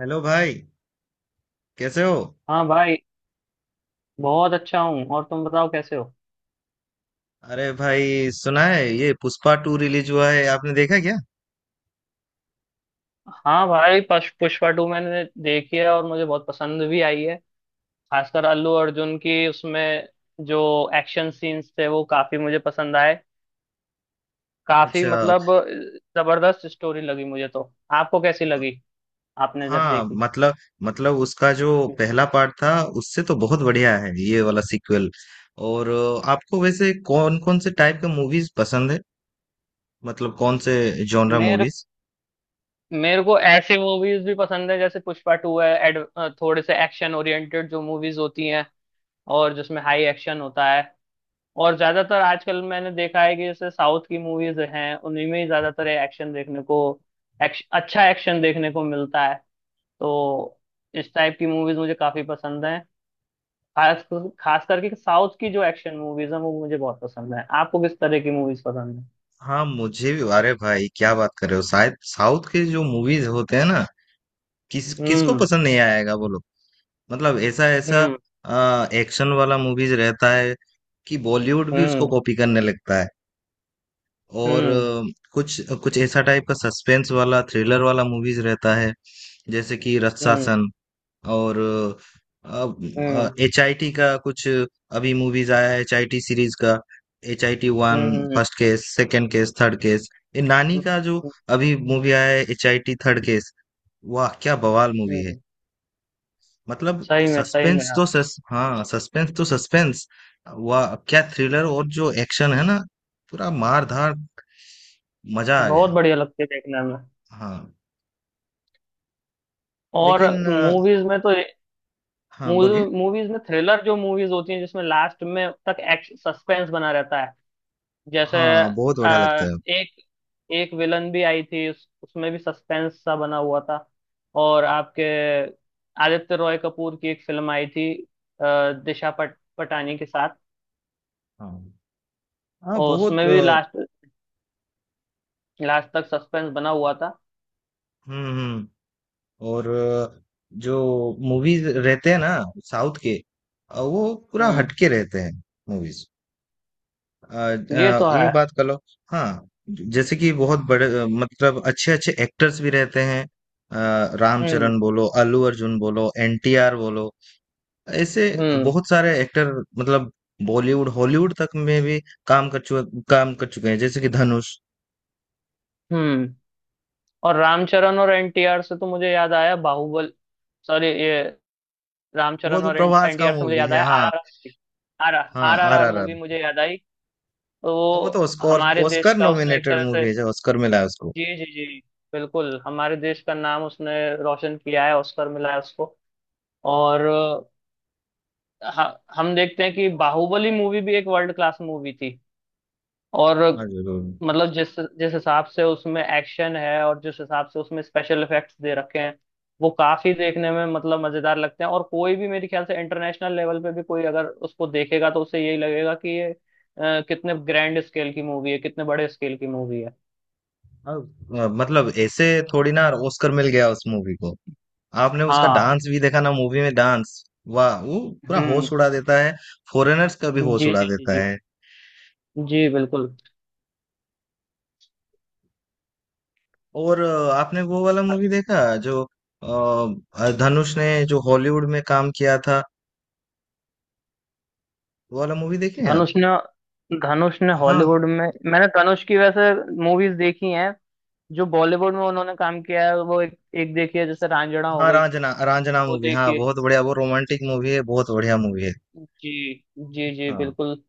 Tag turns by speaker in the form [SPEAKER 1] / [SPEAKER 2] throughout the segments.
[SPEAKER 1] Hello भाई, कैसे हो?
[SPEAKER 2] हाँ भाई। बहुत अच्छा हूँ और तुम बताओ कैसे हो।
[SPEAKER 1] अरे भाई, सुना है ये पुष्पा टू रिलीज हुआ है, आपने देखा क्या?
[SPEAKER 2] हाँ भाई पुष्पा टू मैंने देखी है और मुझे बहुत पसंद भी आई है। खासकर अल्लू अर्जुन की उसमें जो एक्शन सीन्स थे वो काफी मुझे पसंद आए। काफी
[SPEAKER 1] अच्छा।
[SPEAKER 2] मतलब जबरदस्त स्टोरी लगी मुझे तो। आपको कैसी लगी आपने जब
[SPEAKER 1] हाँ,
[SPEAKER 2] देखी।
[SPEAKER 1] मतलब उसका जो पहला पार्ट था, उससे तो बहुत बढ़िया है ये वाला सीक्वल। और आपको वैसे कौन कौन से टाइप के मूवीज पसंद है? मतलब कौन से जॉनरा
[SPEAKER 2] मेरे
[SPEAKER 1] मूवीज?
[SPEAKER 2] मेरे को ऐसी मूवीज भी पसंद है जैसे पुष्पा टू है थोड़े से एक्शन ओरिएंटेड जो मूवीज होती हैं और जिसमें हाई एक्शन होता है। और ज्यादातर आजकल मैंने देखा है कि जैसे साउथ की मूवीज हैं उन्हीं में ही ज्यादातर एक्शन देखने को अच्छा एक्शन देखने को मिलता है। तो इस टाइप की मूवीज मुझे काफी पसंद है। खास खास करके साउथ की जो एक्शन मूवीज हैं वो मुझे बहुत पसंद है। आपको किस तरह की मूवीज पसंद है।
[SPEAKER 1] हाँ, मुझे भी। अरे भाई, क्या बात कर रहे हो! शायद साउथ के जो मूवीज होते हैं ना, किस किसको
[SPEAKER 2] हम्म।
[SPEAKER 1] पसंद नहीं आएगा बोलो। मतलब ऐसा ऐसा
[SPEAKER 2] हम्म।
[SPEAKER 1] एक्शन वाला मूवीज रहता है कि बॉलीवुड भी उसको
[SPEAKER 2] हम्म।
[SPEAKER 1] कॉपी करने लगता है। और
[SPEAKER 2] हम्म।
[SPEAKER 1] कुछ कुछ ऐसा टाइप का सस्पेंस वाला थ्रिलर वाला मूवीज रहता है, जैसे कि
[SPEAKER 2] हम्म।
[SPEAKER 1] रत्सासन। और
[SPEAKER 2] हम्म।
[SPEAKER 1] एच आई टी का कुछ अभी मूवीज आया है, एच आई टी सीरीज का, एच आई टी वन,
[SPEAKER 2] हम्म। हम्म।
[SPEAKER 1] First case, second case, third case. ये नानी
[SPEAKER 2] हम्म।
[SPEAKER 1] का जो अभी मूवी आया है, H I T third case, वाह क्या बवाल मूवी है!
[SPEAKER 2] हम्म।
[SPEAKER 1] मतलब,
[SPEAKER 2] सही में
[SPEAKER 1] सस्पेंस तो
[SPEAKER 2] यार।
[SPEAKER 1] सस हाँ, सस्पेंस तो सस्पेंस। वह क्या थ्रिलर, और जो एक्शन है ना, पूरा मार धार, मजा आ
[SPEAKER 2] बहुत
[SPEAKER 1] गया।
[SPEAKER 2] बढ़िया लगती है देखने में
[SPEAKER 1] हाँ,
[SPEAKER 2] और
[SPEAKER 1] लेकिन
[SPEAKER 2] मूवीज में तो।
[SPEAKER 1] हाँ बोलिए।
[SPEAKER 2] मूवीज में थ्रिलर जो मूवीज होती हैं जिसमें लास्ट में तक एक्शन सस्पेंस बना रहता है जैसे
[SPEAKER 1] हाँ, बहुत बढ़िया लगता है।
[SPEAKER 2] एक एक विलन भी आई थी उसमें भी सस्पेंस सा बना हुआ था। और आपके आदित्य रॉय कपूर की एक फिल्म आई थी अ, पटानी के साथ
[SPEAKER 1] हाँ, हाँ,
[SPEAKER 2] और
[SPEAKER 1] बहुत
[SPEAKER 2] उसमें भी लास्ट लास्ट तक सस्पेंस बना हुआ था।
[SPEAKER 1] हम्म, हम्म। और जो मूवीज रहते हैं ना साउथ के, वो पूरा
[SPEAKER 2] हम्म।
[SPEAKER 1] हटके रहते हैं मूवीज।
[SPEAKER 2] ये तो
[SPEAKER 1] ये
[SPEAKER 2] है।
[SPEAKER 1] बात कर लो। हाँ, जैसे कि बहुत बड़े मतलब अच्छे अच्छे एक्टर्स भी रहते हैं।
[SPEAKER 2] हम्म।
[SPEAKER 1] रामचरण बोलो, अल्लू अर्जुन बोलो, एनटीआर बोलो। ऐसे
[SPEAKER 2] हम्म।
[SPEAKER 1] बहुत सारे एक्टर, मतलब बॉलीवुड हॉलीवुड तक में भी काम कर चुके हैं, जैसे कि धनुष।
[SPEAKER 2] हम्म। और रामचरण और एनटीआर से तो मुझे याद आया बाहुबल सॉरी ये
[SPEAKER 1] वो
[SPEAKER 2] रामचरण
[SPEAKER 1] तो
[SPEAKER 2] और
[SPEAKER 1] प्रभास का
[SPEAKER 2] एनटीआर से मुझे
[SPEAKER 1] मूवी
[SPEAKER 2] याद
[SPEAKER 1] है,
[SPEAKER 2] आया
[SPEAKER 1] हाँ।
[SPEAKER 2] आरआरआर। आर
[SPEAKER 1] हाँ,
[SPEAKER 2] R R R
[SPEAKER 1] R
[SPEAKER 2] R
[SPEAKER 1] R R.
[SPEAKER 2] Movie मुझे याद आई। तो
[SPEAKER 1] वो तो
[SPEAKER 2] वो
[SPEAKER 1] ऑस्कर
[SPEAKER 2] हमारे देश
[SPEAKER 1] ऑस्कर
[SPEAKER 2] का उसने एक
[SPEAKER 1] नॉमिनेटेड
[SPEAKER 2] तरह से।
[SPEAKER 1] मूवी है, जो ऑस्कर मिला है उसको।
[SPEAKER 2] जी जी जी बिल्कुल हमारे देश का नाम उसने रोशन किया है। ऑस्कर मिला है उसको। और हम देखते हैं कि बाहुबली मूवी भी एक वर्ल्ड क्लास मूवी थी। और
[SPEAKER 1] हाँ जरूर।
[SPEAKER 2] मतलब जिस जिस हिसाब से उसमें एक्शन है और जिस हिसाब से उसमें स्पेशल इफेक्ट्स दे रखे हैं वो काफी देखने में मतलब मजेदार लगते हैं। और कोई भी मेरे ख्याल से इंटरनेशनल लेवल पे भी कोई अगर उसको देखेगा तो उसे यही लगेगा कि ये कितने ग्रैंड स्केल की मूवी है कितने बड़े स्केल की मूवी है।
[SPEAKER 1] अब, मतलब ऐसे थोड़ी ना ऑस्कर मिल गया उस मूवी को। आपने उसका
[SPEAKER 2] हाँ।
[SPEAKER 1] डांस भी देखा ना, मूवी में डांस? वाह वो, पूरा
[SPEAKER 2] हम्म।
[SPEAKER 1] होश उड़ा देता है, फॉरेनर्स का भी होश
[SPEAKER 2] जी
[SPEAKER 1] उड़ा
[SPEAKER 2] जी जी
[SPEAKER 1] देता
[SPEAKER 2] जी
[SPEAKER 1] है।
[SPEAKER 2] जी बिल्कुल।
[SPEAKER 1] और आपने वो वाला मूवी देखा जो धनुष ने, जो हॉलीवुड में काम किया था, वो वाला मूवी देखे हैं आप?
[SPEAKER 2] धनुष ने धनुष ने
[SPEAKER 1] हाँ,
[SPEAKER 2] हॉलीवुड में मैंने धनुष की वैसे मूवीज देखी हैं। जो बॉलीवुड में उन्होंने काम किया है वो एक एक देखी है। जैसे रांझणा हो
[SPEAKER 1] हाँ,
[SPEAKER 2] गई
[SPEAKER 1] रांझना, रांझना
[SPEAKER 2] वो
[SPEAKER 1] मूवी,
[SPEAKER 2] देखी
[SPEAKER 1] हाँ
[SPEAKER 2] है।
[SPEAKER 1] बहुत बढ़िया, वो रोमांटिक मूवी है, बहुत बढ़िया मूवी है।
[SPEAKER 2] जी जी जी
[SPEAKER 1] हाँ,
[SPEAKER 2] बिल्कुल।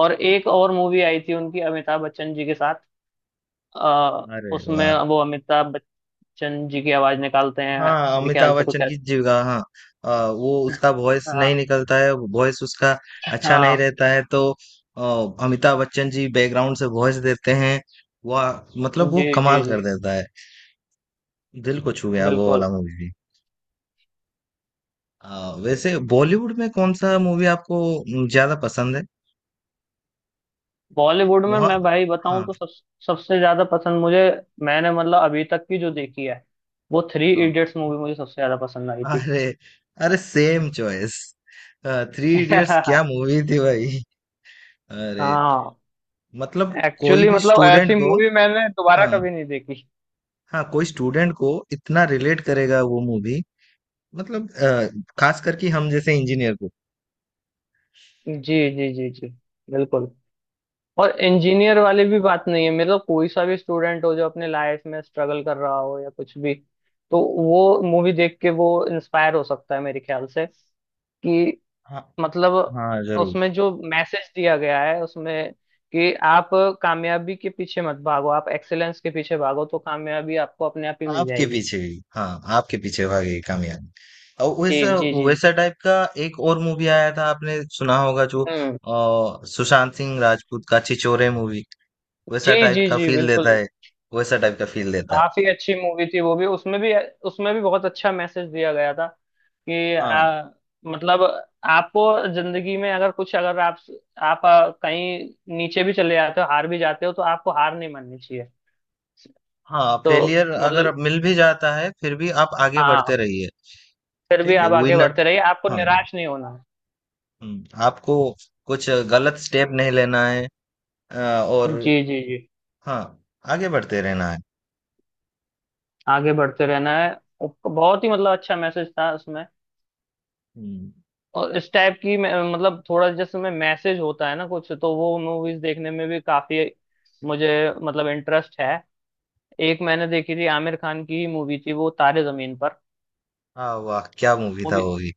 [SPEAKER 2] और एक और मूवी आई थी उनकी अमिताभ बच्चन जी के साथ। आ,
[SPEAKER 1] अरे
[SPEAKER 2] उसमें
[SPEAKER 1] वाह!
[SPEAKER 2] वो अमिताभ बच्चन जी की आवाज निकालते हैं
[SPEAKER 1] हाँ,
[SPEAKER 2] मेरे ख्याल
[SPEAKER 1] अमिताभ
[SPEAKER 2] से कुछ
[SPEAKER 1] बच्चन की जीविका, हाँ। हाँ, वो उसका वॉइस नहीं
[SPEAKER 2] हाँ
[SPEAKER 1] निकलता है, वॉइस उसका अच्छा नहीं
[SPEAKER 2] हाँ।
[SPEAKER 1] रहता है तो, अमिताभ बच्चन जी बैकग्राउंड से वॉइस देते हैं। वह, मतलब वो
[SPEAKER 2] जी जी
[SPEAKER 1] कमाल
[SPEAKER 2] जी
[SPEAKER 1] कर देता है। दिल को छू गया वो
[SPEAKER 2] बिल्कुल।
[SPEAKER 1] वाला मूवी भी। वैसे बॉलीवुड में कौन सा मूवी आपको ज्यादा पसंद है?
[SPEAKER 2] बॉलीवुड में
[SPEAKER 1] वहाँ,
[SPEAKER 2] मैं भाई बताऊं
[SPEAKER 1] हाँ,
[SPEAKER 2] तो सब सबसे ज्यादा पसंद मुझे। मैंने मतलब अभी तक की जो देखी है वो थ्री
[SPEAKER 1] हाँ।
[SPEAKER 2] इडियट्स मूवी मुझे सबसे ज्यादा पसंद आई थी।
[SPEAKER 1] अरे, अरे, सेम चॉइस! थ्री इडियट्स क्या मूवी थी भाई! अरे,
[SPEAKER 2] हाँ।
[SPEAKER 1] मतलब कोई
[SPEAKER 2] एक्चुअली
[SPEAKER 1] भी
[SPEAKER 2] मतलब
[SPEAKER 1] स्टूडेंट
[SPEAKER 2] ऐसी
[SPEAKER 1] को,
[SPEAKER 2] मूवी मैंने दोबारा
[SPEAKER 1] हाँ,
[SPEAKER 2] कभी नहीं देखी।
[SPEAKER 1] हाँ, कोई स्टूडेंट को इतना रिलेट करेगा वो मूवी। मतलब खास करके हम जैसे इंजीनियर को।
[SPEAKER 2] जी जी जी जी बिल्कुल। और इंजीनियर वाले भी बात नहीं है मतलब कोई सा भी स्टूडेंट हो जो अपने लाइफ में स्ट्रगल कर रहा हो या कुछ भी तो वो मूवी देख के वो इंस्पायर हो सकता है मेरे ख्याल से कि
[SPEAKER 1] हाँ,
[SPEAKER 2] मतलब
[SPEAKER 1] हाँ जरूर।
[SPEAKER 2] उसमें जो मैसेज दिया गया है उसमें कि आप कामयाबी के पीछे मत भागो आप एक्सेलेंस के पीछे भागो तो कामयाबी आपको अपने आप ही मिल
[SPEAKER 1] आपके
[SPEAKER 2] जाएगी।
[SPEAKER 1] पीछे गई हाँ, आपके पीछे भागेगी कामयाबी। और
[SPEAKER 2] जी
[SPEAKER 1] वैसा,
[SPEAKER 2] जी जी।
[SPEAKER 1] वैसा टाइप का एक और मूवी आया था, आपने सुना होगा, जो
[SPEAKER 2] हम्म।
[SPEAKER 1] सुशांत सिंह राजपूत का छिछोरे मूवी। वैसा
[SPEAKER 2] जी
[SPEAKER 1] टाइप
[SPEAKER 2] जी
[SPEAKER 1] का
[SPEAKER 2] जी
[SPEAKER 1] फील देता
[SPEAKER 2] बिल्कुल।
[SPEAKER 1] है, वैसा टाइप का फील देता है।
[SPEAKER 2] काफी अच्छी मूवी थी वो भी। उसमें भी बहुत अच्छा मैसेज दिया गया था कि
[SPEAKER 1] हाँ,
[SPEAKER 2] मतलब आपको जिंदगी में अगर कुछ अगर आप कहीं नीचे भी चले जाते हो हार भी जाते हो तो आपको हार नहीं माननी चाहिए
[SPEAKER 1] हाँ,
[SPEAKER 2] तो
[SPEAKER 1] फेलियर अगर
[SPEAKER 2] मतलब
[SPEAKER 1] मिल भी जाता है, फिर भी आप आगे बढ़ते
[SPEAKER 2] हाँ
[SPEAKER 1] रहिए।
[SPEAKER 2] फिर भी
[SPEAKER 1] ठीक है
[SPEAKER 2] आप आगे
[SPEAKER 1] विनर,
[SPEAKER 2] बढ़ते रहिए आपको
[SPEAKER 1] हाँ,
[SPEAKER 2] निराश नहीं होना
[SPEAKER 1] आपको कुछ गलत स्टेप नहीं लेना है, अ,
[SPEAKER 2] है।
[SPEAKER 1] और
[SPEAKER 2] जी जी जी।
[SPEAKER 1] हाँ, आगे बढ़ते रहना है।
[SPEAKER 2] आगे बढ़ते रहना है। बहुत ही मतलब अच्छा मैसेज था उसमें।
[SPEAKER 1] हुँ,
[SPEAKER 2] और इस टाइप की मतलब थोड़ा जैसे में मैसेज होता है ना कुछ तो वो मूवीज देखने में भी काफी मुझे मतलब इंटरेस्ट है। एक मैंने देखी थी आमिर खान की मूवी थी वो तारे जमीन पर
[SPEAKER 1] हाँ, वाह! क्या मूवी था
[SPEAKER 2] मूवी।
[SPEAKER 1] वो भी,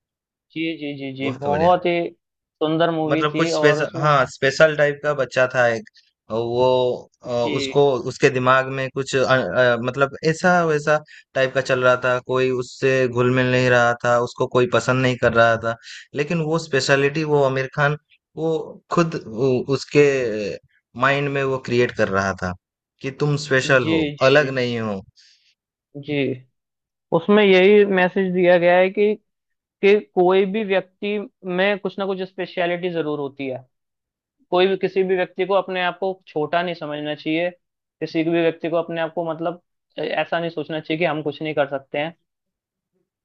[SPEAKER 2] जी जी जी जी
[SPEAKER 1] बहुत बढ़िया!
[SPEAKER 2] बहुत ही सुंदर मूवी
[SPEAKER 1] मतलब कुछ
[SPEAKER 2] थी। और
[SPEAKER 1] स्पेशल,
[SPEAKER 2] उसमें
[SPEAKER 1] हाँ, स्पेशल टाइप का बच्चा था एक। वो अ,
[SPEAKER 2] जी
[SPEAKER 1] उसको, उसके दिमाग में कुछ मतलब ऐसा वैसा टाइप का चल रहा था, कोई उससे घुल मिल नहीं रहा था, उसको कोई पसंद नहीं कर रहा था। लेकिन वो स्पेशलिटी, वो आमिर खान, वो खुद वो उसके माइंड में वो क्रिएट कर रहा था कि तुम स्पेशल
[SPEAKER 2] जी
[SPEAKER 1] हो,
[SPEAKER 2] जी
[SPEAKER 1] अलग
[SPEAKER 2] जी
[SPEAKER 1] नहीं हो।
[SPEAKER 2] जी उसमें यही मैसेज दिया गया है कि कोई भी व्यक्ति में कुछ ना कुछ स्पेशलिटी जरूर होती है। कोई भी किसी भी व्यक्ति को अपने आप को छोटा नहीं समझना चाहिए। किसी भी व्यक्ति को अपने आप को मतलब ऐसा नहीं सोचना चाहिए कि हम कुछ नहीं कर सकते हैं।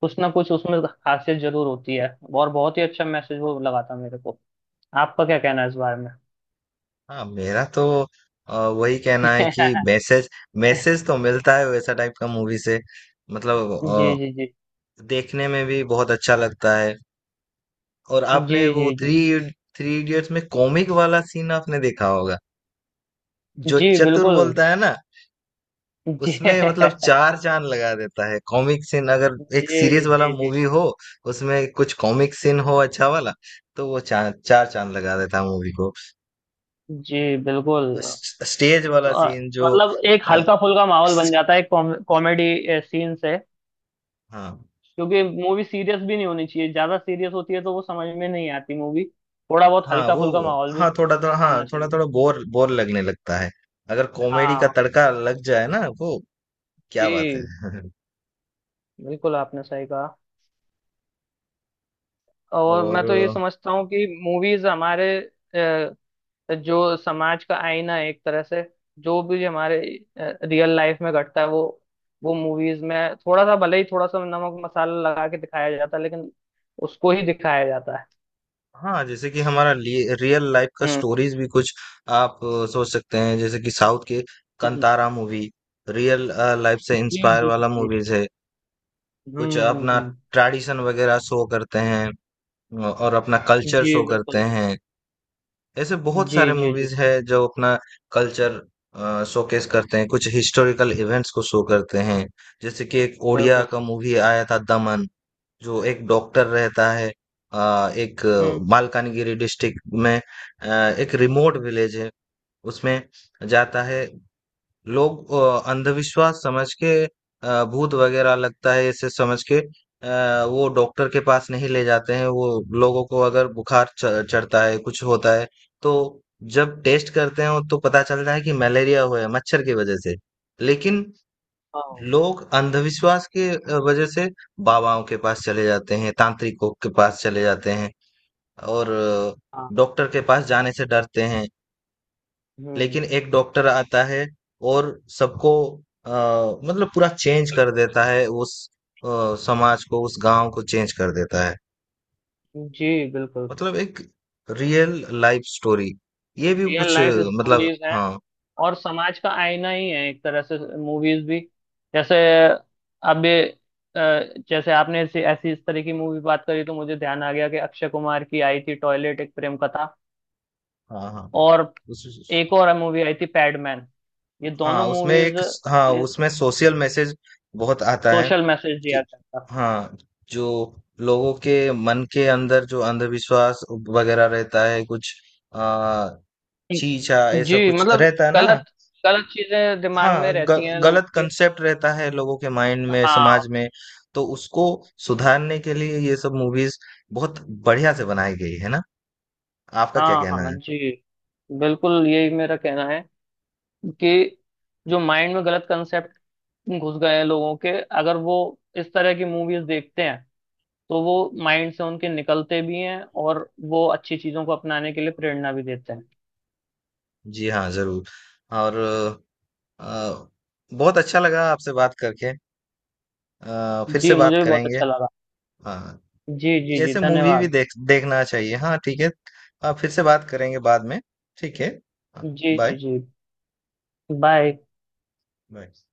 [SPEAKER 2] कुछ ना कुछ उसमें खासियत जरूर होती है। और बहुत ही अच्छा मैसेज वो लगा था मेरे को। आपका क्या कहना है इस बारे में।
[SPEAKER 1] हाँ, मेरा तो वही कहना है कि मैसेज मैसेज तो मिलता है वैसा टाइप का मूवी से।
[SPEAKER 2] जी
[SPEAKER 1] मतलब
[SPEAKER 2] जी जी
[SPEAKER 1] देखने में भी बहुत अच्छा लगता है। और
[SPEAKER 2] जी
[SPEAKER 1] आपने वो
[SPEAKER 2] जी जी
[SPEAKER 1] थ्री थ्री इडियट्स में कॉमिक वाला सीन आपने देखा होगा, जो
[SPEAKER 2] जी
[SPEAKER 1] चतुर
[SPEAKER 2] बिल्कुल।
[SPEAKER 1] बोलता है ना।
[SPEAKER 2] जी
[SPEAKER 1] उसमें मतलब चार चांद लगा देता है कॉमिक सीन। अगर एक सीरियस
[SPEAKER 2] जी
[SPEAKER 1] वाला
[SPEAKER 2] जी जी
[SPEAKER 1] मूवी हो, उसमें कुछ कॉमिक सीन हो अच्छा वाला, तो वो चार चार चांद लगा देता है मूवी को।
[SPEAKER 2] जी बिल्कुल।
[SPEAKER 1] स्टेज वाला
[SPEAKER 2] आ,
[SPEAKER 1] सीन जो
[SPEAKER 2] मतलब एक
[SPEAKER 1] अ,
[SPEAKER 2] हल्का फुल्का माहौल बन जाता है कॉमेडी सीन से।
[SPEAKER 1] हाँ,
[SPEAKER 2] क्योंकि मूवी सीरियस भी नहीं होनी चाहिए। ज्यादा सीरियस होती है तो वो समझ में नहीं आती मूवी। थोड़ा बहुत
[SPEAKER 1] हाँ,
[SPEAKER 2] हल्का
[SPEAKER 1] वो,
[SPEAKER 2] फुल्का माहौल भी
[SPEAKER 1] हाँ थोड़ा थोड़ा, हाँ
[SPEAKER 2] होना
[SPEAKER 1] थोड़ा
[SPEAKER 2] चाहिए।
[SPEAKER 1] थोड़ा बोर बोर लगने लगता है। अगर कॉमेडी का
[SPEAKER 2] हाँ।
[SPEAKER 1] तड़का लग जाए ना वो, क्या बात है!
[SPEAKER 2] जी बिल्कुल आपने सही कहा। और
[SPEAKER 1] और,
[SPEAKER 2] मैं तो ये समझता हूँ कि मूवीज हमारे तो जो समाज का आईना है एक तरह से। जो भी हमारे रियल लाइफ में घटता है वो मूवीज में थोड़ा सा भले ही थोड़ा सा नमक मसाला लगा के दिखाया जाता है लेकिन उसको ही दिखाया जाता है।
[SPEAKER 1] हाँ, जैसे कि हमारा रियल लाइफ का
[SPEAKER 2] हम्म।
[SPEAKER 1] स्टोरीज भी कुछ आप सोच सकते हैं। जैसे कि साउथ के
[SPEAKER 2] हम्म।
[SPEAKER 1] कंतारा मूवी, रियल लाइफ से
[SPEAKER 2] जी
[SPEAKER 1] इंस्पायर
[SPEAKER 2] जी जी
[SPEAKER 1] वाला
[SPEAKER 2] जी।
[SPEAKER 1] मूवीज है। कुछ
[SPEAKER 2] हम्म। हम्म।
[SPEAKER 1] अपना
[SPEAKER 2] हम्म।
[SPEAKER 1] ट्रेडिशन वगैरह शो करते हैं, और अपना कल्चर
[SPEAKER 2] जी
[SPEAKER 1] शो करते
[SPEAKER 2] बिल्कुल।
[SPEAKER 1] हैं। ऐसे बहुत
[SPEAKER 2] जी
[SPEAKER 1] सारे
[SPEAKER 2] जी जी
[SPEAKER 1] मूवीज है जो अपना कल्चर शोकेस करते हैं, कुछ हिस्टोरिकल इवेंट्स को शो करते हैं। जैसे कि एक ओडिया
[SPEAKER 2] बिल्कुल।
[SPEAKER 1] का मूवी आया था, दमन, जो एक डॉक्टर रहता है, एक
[SPEAKER 2] हम्म।
[SPEAKER 1] मालकानगिरी डिस्ट्रिक्ट में, एक रिमोट
[SPEAKER 2] हम्म।
[SPEAKER 1] विलेज है, उसमें जाता है। लोग अंधविश्वास समझ के, भूत वगैरह लगता है इसे समझ के, वो डॉक्टर के पास नहीं ले जाते हैं। वो लोगों को अगर बुखार चढ़ता है, कुछ होता है, तो जब टेस्ट करते हैं तो पता चलता है कि मलेरिया हुआ है, मच्छर की वजह से। लेकिन
[SPEAKER 2] हाँ
[SPEAKER 1] लोग अंधविश्वास के वजह से बाबाओं के पास चले जाते हैं, तांत्रिकों के पास चले जाते हैं। और
[SPEAKER 2] हाँ।
[SPEAKER 1] डॉक्टर के पास जाने से डरते हैं।
[SPEAKER 2] हम्म।
[SPEAKER 1] लेकिन एक डॉक्टर आता है और सबको अ, मतलब पूरा चेंज कर देता है उस अ, समाज को, उस गाँव को चेंज कर देता है।
[SPEAKER 2] जी बिल्कुल।
[SPEAKER 1] मतलब एक रियल लाइफ स्टोरी। ये भी
[SPEAKER 2] रियल
[SPEAKER 1] कुछ
[SPEAKER 2] लाइफ
[SPEAKER 1] मतलब
[SPEAKER 2] स्टोरीज हैं
[SPEAKER 1] हाँ,
[SPEAKER 2] और समाज का आईना ही है एक तरह से मूवीज भी। जैसे अब ये, अ, जैसे आपने ऐसी ऐसी इस तरह की मूवी बात करी तो मुझे ध्यान आ गया कि अक्षय कुमार की आई थी टॉयलेट एक प्रेम कथा।
[SPEAKER 1] हाँ, हाँ।
[SPEAKER 2] और
[SPEAKER 1] उस
[SPEAKER 2] एक और मूवी आई थी पैडमैन। ये दोनों
[SPEAKER 1] हाँ, उसमें
[SPEAKER 2] मूवीज
[SPEAKER 1] एक स हाँ, उसमें सोशल मैसेज बहुत आता है।
[SPEAKER 2] सोशल मैसेज दिया
[SPEAKER 1] कि
[SPEAKER 2] करता।
[SPEAKER 1] हाँ, जो लोगों के मन के अंदर जो अंधविश्वास वगैरह रहता है कुछ आ, चीचा ऐसा
[SPEAKER 2] जी
[SPEAKER 1] कुछ
[SPEAKER 2] मतलब
[SPEAKER 1] रहता है ना।
[SPEAKER 2] गलत गलत चीजें दिमाग में
[SPEAKER 1] हाँ,
[SPEAKER 2] रहती हैं लोगों
[SPEAKER 1] गलत
[SPEAKER 2] के।
[SPEAKER 1] कंसेप्ट रहता है लोगों के माइंड में,
[SPEAKER 2] हाँ
[SPEAKER 1] समाज में। तो उसको सुधारने के लिए ये सब मूवीज बहुत बढ़िया से बनाई गई है ना, आपका क्या
[SPEAKER 2] हाँ।
[SPEAKER 1] कहना
[SPEAKER 2] हाँ
[SPEAKER 1] है?
[SPEAKER 2] जी बिल्कुल यही मेरा कहना है कि जो माइंड में गलत कंसेप्ट घुस गए हैं लोगों के अगर वो इस तरह की मूवीज देखते हैं तो वो माइंड से उनके निकलते भी हैं और वो अच्छी चीजों को अपनाने के लिए प्रेरणा भी देते हैं।
[SPEAKER 1] जी हाँ जरूर। और आ, बहुत अच्छा लगा आपसे बात करके, फिर से
[SPEAKER 2] जी
[SPEAKER 1] बात
[SPEAKER 2] मुझे भी बहुत
[SPEAKER 1] करेंगे।
[SPEAKER 2] अच्छा लगा।
[SPEAKER 1] हाँ,
[SPEAKER 2] जी जी जी
[SPEAKER 1] ऐसे मूवी भी
[SPEAKER 2] धन्यवाद।
[SPEAKER 1] देखना चाहिए, हाँ, ठीक है। आप फिर से बात करेंगे बाद में, ठीक है।
[SPEAKER 2] जी
[SPEAKER 1] बाय,
[SPEAKER 2] जी जी बाय।
[SPEAKER 1] बाय।